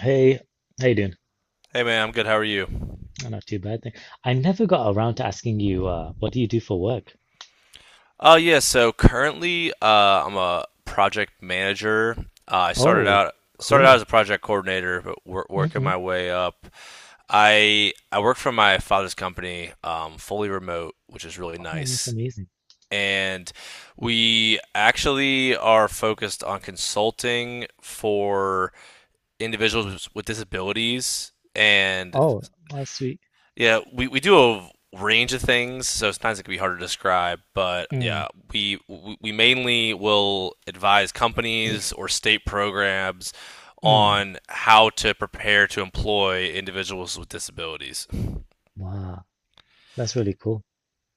Hey, how you doing? Hey man, I'm good. How are you? Oh, not too bad. Thank. I never got around to asking you, what do you do for work? Yeah, so currently I'm a project manager. Uh, I started Oh, out started out cool. as a project coordinator, but working Hmm. my way up. I work for my father's company, fully remote, which is really Oh, that's nice. amazing. And we actually are focused on consulting for individuals with disabilities and Oh, that's sweet. yeah, we do a range of things, so sometimes it can be hard to describe. But Mm, yeah, we mainly will advise companies or state programs mm. on how to prepare to employ individuals with disabilities. Wow, that's really cool.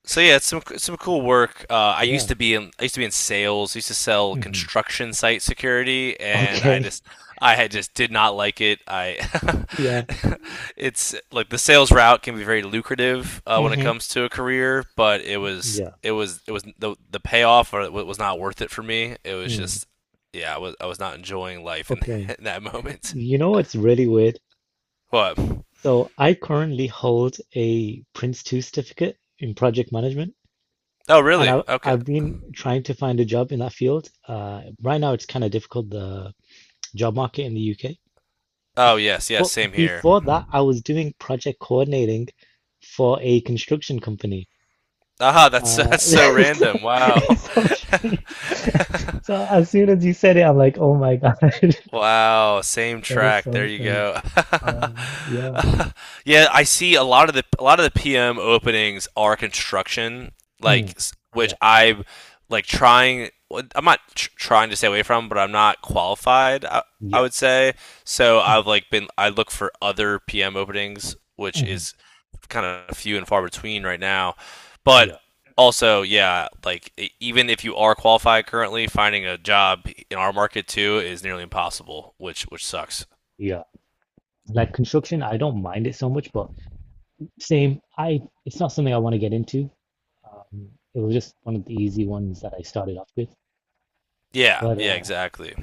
So yeah, it's some cool work. I used Yeah. to be in I used to be in sales. I used to sell Hmm. construction site security, and I Okay. just I had just did not like it. I Yeah. it's like the sales route can be very lucrative when it Hmm. comes to a career, but Yeah. It was the payoff or it was not worth it for me. It was Mm. just yeah, I was not enjoying life in Okay. In that moment. You know what's really weird? What? So I currently hold a Prince 2 certificate in project management. Oh And really? I, Okay. I've been trying to find a job in that field. Right now, it's kind of difficult. The job market in the UK. Oh yes, yes, But same here. before that, I was doing project coordinating for a construction company. Ah, that's Uh, that's so it's so, random. Wow. it's so strange. So as soon as you said it, I'm like, oh my God, that Wow, same is track. so There you strange. go. Yeah. Yeah, I see a lot of the PM openings are construction, Mm, like which yeah, I'm like trying well, I'm not tr trying to stay away from, but I'm not qualified, I yeah, would say. So I've mm, like been I look for other PM openings, which mm, is kind of few and far between right now. But yeah, also, yeah, like even if you are qualified currently, finding a job in our market too is nearly impossible, which sucks. yeah. Like construction, I don't mind it so much, but same, I it's not something I want to get into. Um, it was just one of the easy ones that I started off with. Yeah, But yeah, exactly.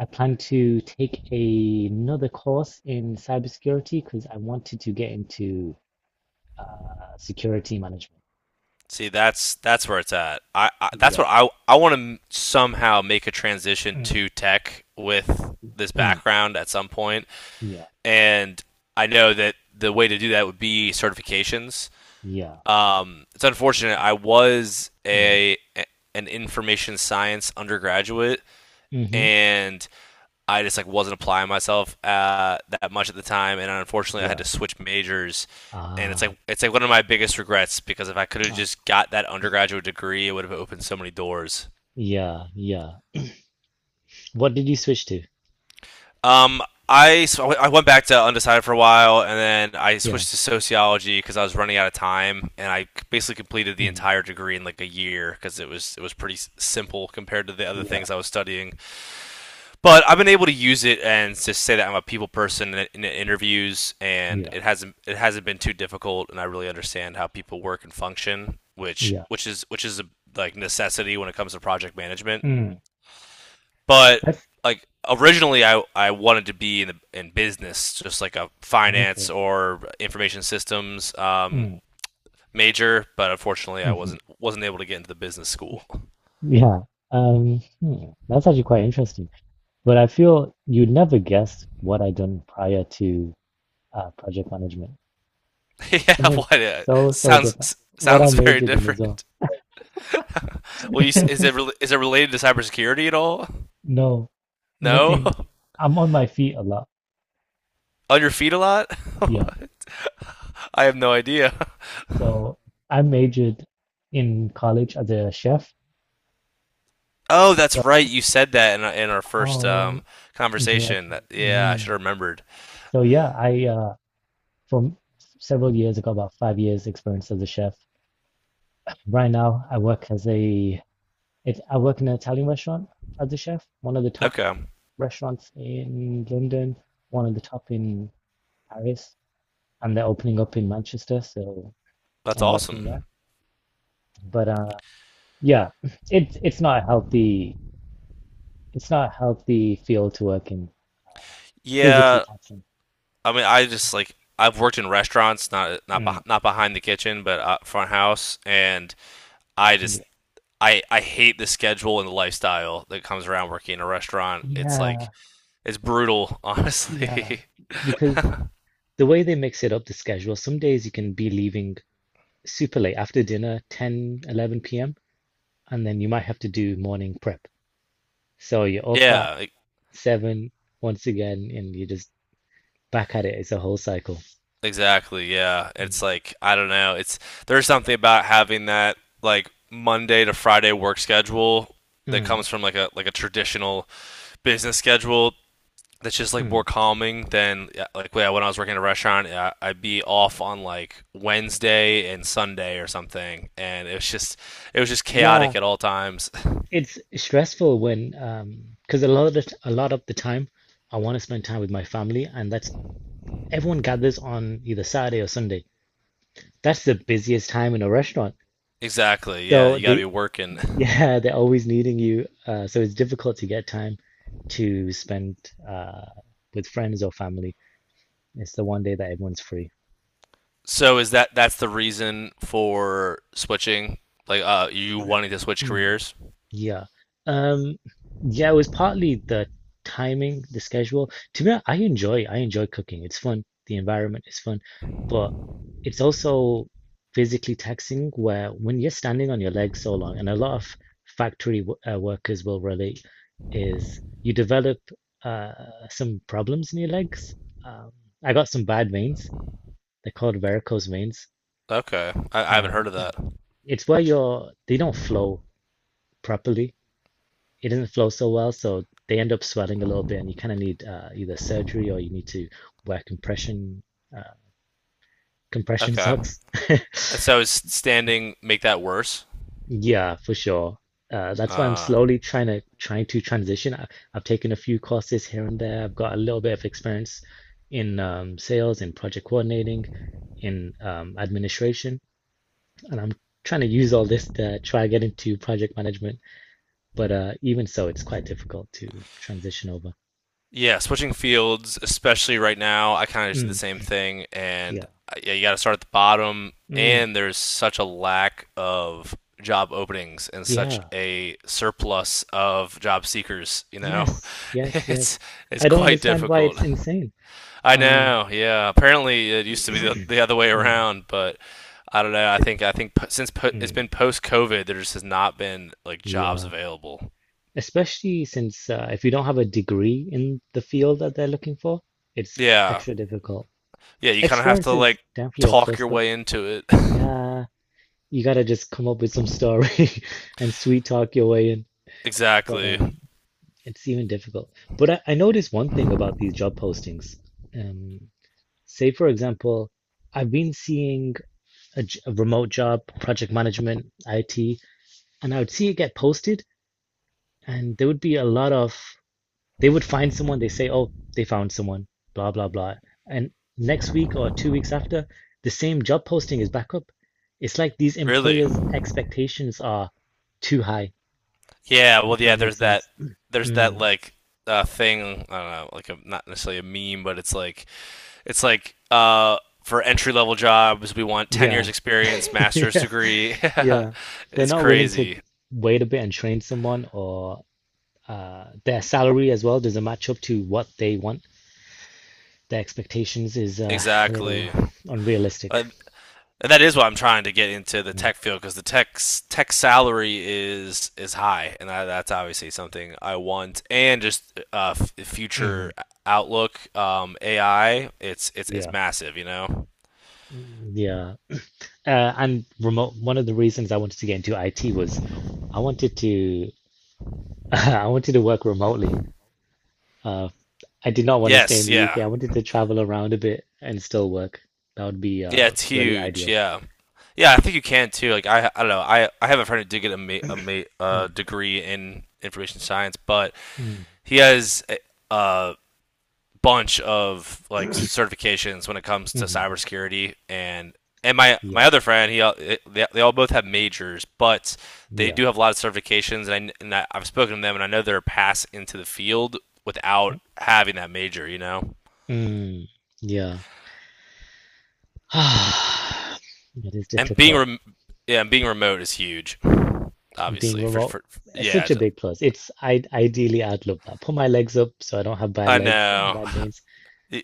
I plan to take another course in cybersecurity because I wanted to get into uh, security management. See, that's where it's at. I that's Yeah. what I want to somehow make a transition Mm, to tech with this mm, background at some point, yeah. and I know that the way to do that would be certifications. Yeah. It's unfortunate. I was Mm, a an information science undergraduate hmm. and I just like wasn't applying myself that much at the time, and unfortunately, I had Yeah. to switch majors. And Ah, it's like one of my biggest regrets because if I could have ah. just got that undergraduate degree, it would have opened so many doors. Yeah. Yeah. What did you switch to? Um, I so I went back to undecided for a while, and then I Yeah. switched to sociology because I was running out of time, and I basically completed the Mm, entire degree in like a year because it was pretty simple compared to the other yeah. things I was studying. But I've been able to use it and to say that I'm a people person in interviews, and Yeah. It hasn't been too difficult, and I really understand how people work and function, which Yeah. Which is a like necessity when it comes to project management. Mm. But That's like originally, I wanted to be in in business, just like a finance okay. or information systems Mm, major, but unfortunately, I hmm. Wasn't able to get into the business school. Yeah. That's actually quite interesting. But I feel you'd never guess what I'd done prior to project management. Yeah, Something what so, so different. sounds What I very majored in as well. different. Well, you, is it is it related to cybersecurity at all? No, No, nothing. I'm on my feet a lot. on your feet a lot. Yeah. What? I have no idea. So I majored in college as a chef. Oh, So that's right. You said that in our first oh, conversation. interaction. That- yeah, I should Mm. have remembered. So yeah, I for several years, I got about 5 years experience as a chef. Right now, I work in an Italian restaurant as a chef, one of the top Okay, restaurants in London, one of the top in Paris. And they're opening up in Manchester, so that's I'm working there. awesome. But yeah, it's not a healthy field to work in, physically Yeah, taxing. I mean, I just like I've worked in restaurants, not Mm. Not behind the kitchen, but front house, and I Yeah, just I hate the schedule and the lifestyle that comes around working in a restaurant. It's like yeah, it's brutal, yeah. honestly. Because the way they mix it up, the schedule, some days you can be leaving super late after dinner, 10, 11 p.m., and then you might have to do morning prep. So you're up at Yeah, 7 once again, and you're just back at it. It's a whole cycle. exactly. Yeah, it's Mm. like I don't know. It's there's something about having that like Monday to Friday work schedule that Mm. comes from like a traditional business schedule that's just like more Mm. calming than yeah, like yeah, when I was working at a restaurant, I'd be off on like Wednesday and Sunday or something, and it was just Yeah, chaotic at all times. it's stressful when, because a lot of a lot of the time, I want to spend time with my family, and that's everyone gathers on either Saturday or Sunday. That's the busiest time in a restaurant. Exactly. Yeah, So you got to be they, working. yeah, they're always needing you. So it's difficult to get time to spend uh, with friends or family. It's the one day that everyone's free. So is that that's the reason for switching? Like, you wanting to switch Hmm. careers? Yeah. Um, yeah, it was partly the timing, the schedule. To me, I enjoy cooking. It's fun. The environment is fun, but it's also physically taxing where when you're standing on your legs so long, and a lot of factory w workers will relate, is you develop uh, some problems in your legs. Um, I got some bad veins. They're called varicose veins. Okay, I haven't Um, heard of that. it's where your they don't flow properly, it doesn't flow so well, so they end up swelling a little bit, and you kind of need either surgery or you need to wear uh, compression Okay, socks. and so is standing make that worse? Yeah, for sure. That's why I'm Uh, slowly trying to transition. I've taken a few courses here and there. I've got a little bit of experience in sales, in project coordinating, in administration, and I'm trying to use all this to try to get into project management. But even so, it's quite difficult to transition over. yeah, switching fields, especially right now, I kind of just do the Mm, same thing, and yeah. Yeah, you got to start at the bottom. Mm, And there's such a lack of job openings and such yeah. a surplus of job seekers. You know, Yes, yes, yes. it's it's I don't quite understand why it's difficult. insane. I Um, know. Yeah. Apparently, it used to be the other way mm, around, but I don't know. It- I think since it's mm, been post COVID, there just has not been like jobs yeah, available. especially since if you don't have a degree in the field that they're looking for, it's Yeah. extra difficult. Yeah. You kind of have Experience to is like definitely a talk plus, your but way into it. yeah, you gotta just come up with some story and sweet talk your way in. But Exactly. It's even difficult. But I noticed one thing about these job postings. Um, Say for example, I've been seeing. A remote job, project management, IT, and I would see it get posted, and there would be a lot of they would find someone. They say, "Oh, they found someone," blah blah blah, and next week or 2 weeks after, the same job posting is back up. It's like these Really. employers' expectations are too high, Yeah. if Well. that Yeah. There's makes that. sense. There's that Mm, like thing. I don't know. Like a, not necessarily a meme, but it's like for entry level jobs we want 10 years yeah. experience master's Yeah. degree. Yeah. They're It's not willing to crazy. wait a bit and train someone, or their salary as well doesn't match up to what they want. The expectations is a little Exactly. Uh, unrealistic. and that is why I'm trying to get into the tech field because the tech tech salary is high, and that's obviously something I want. And just future Mhm. outlook, AI, it's Yeah. massive, you know. Yeah. And remote, one of the reasons I wanted to get into IT was I wanted to I wanted to work remotely. Uh, I did not want to stay in Yes, the UK. yeah, I wanted to travel around a bit and still work. That would be yeah, it's really huge, ideal. yeah, yeah. I think you can too. Like I don't know. I have a friend who did get a Mm, degree in information science, but mm, he has uh bunch of like certifications when it comes to mhm, cybersecurity and my yeah. other friend he they all both have majors but they Yeah. do have a lot of certifications and, I, I've spoken to them and I know they're passed into the field without Mm, having that major you know mm. Yeah. It is and difficult. Yeah and being remote is huge Being obviously remote for is yeah such a big plus. It's I ideally I'd love that. Put my legs up so I don't have bad I legs, know bad veins,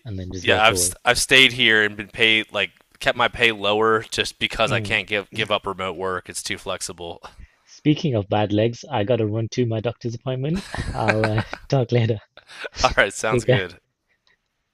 and then just yeah work away. I've stayed here and been paid like kept my pay lower just because I Mm. can't give up remote work it's too flexible. Speaking of bad legs, I gotta run to my doctor's appointment. I'll talk later. All right, Take sounds care. good.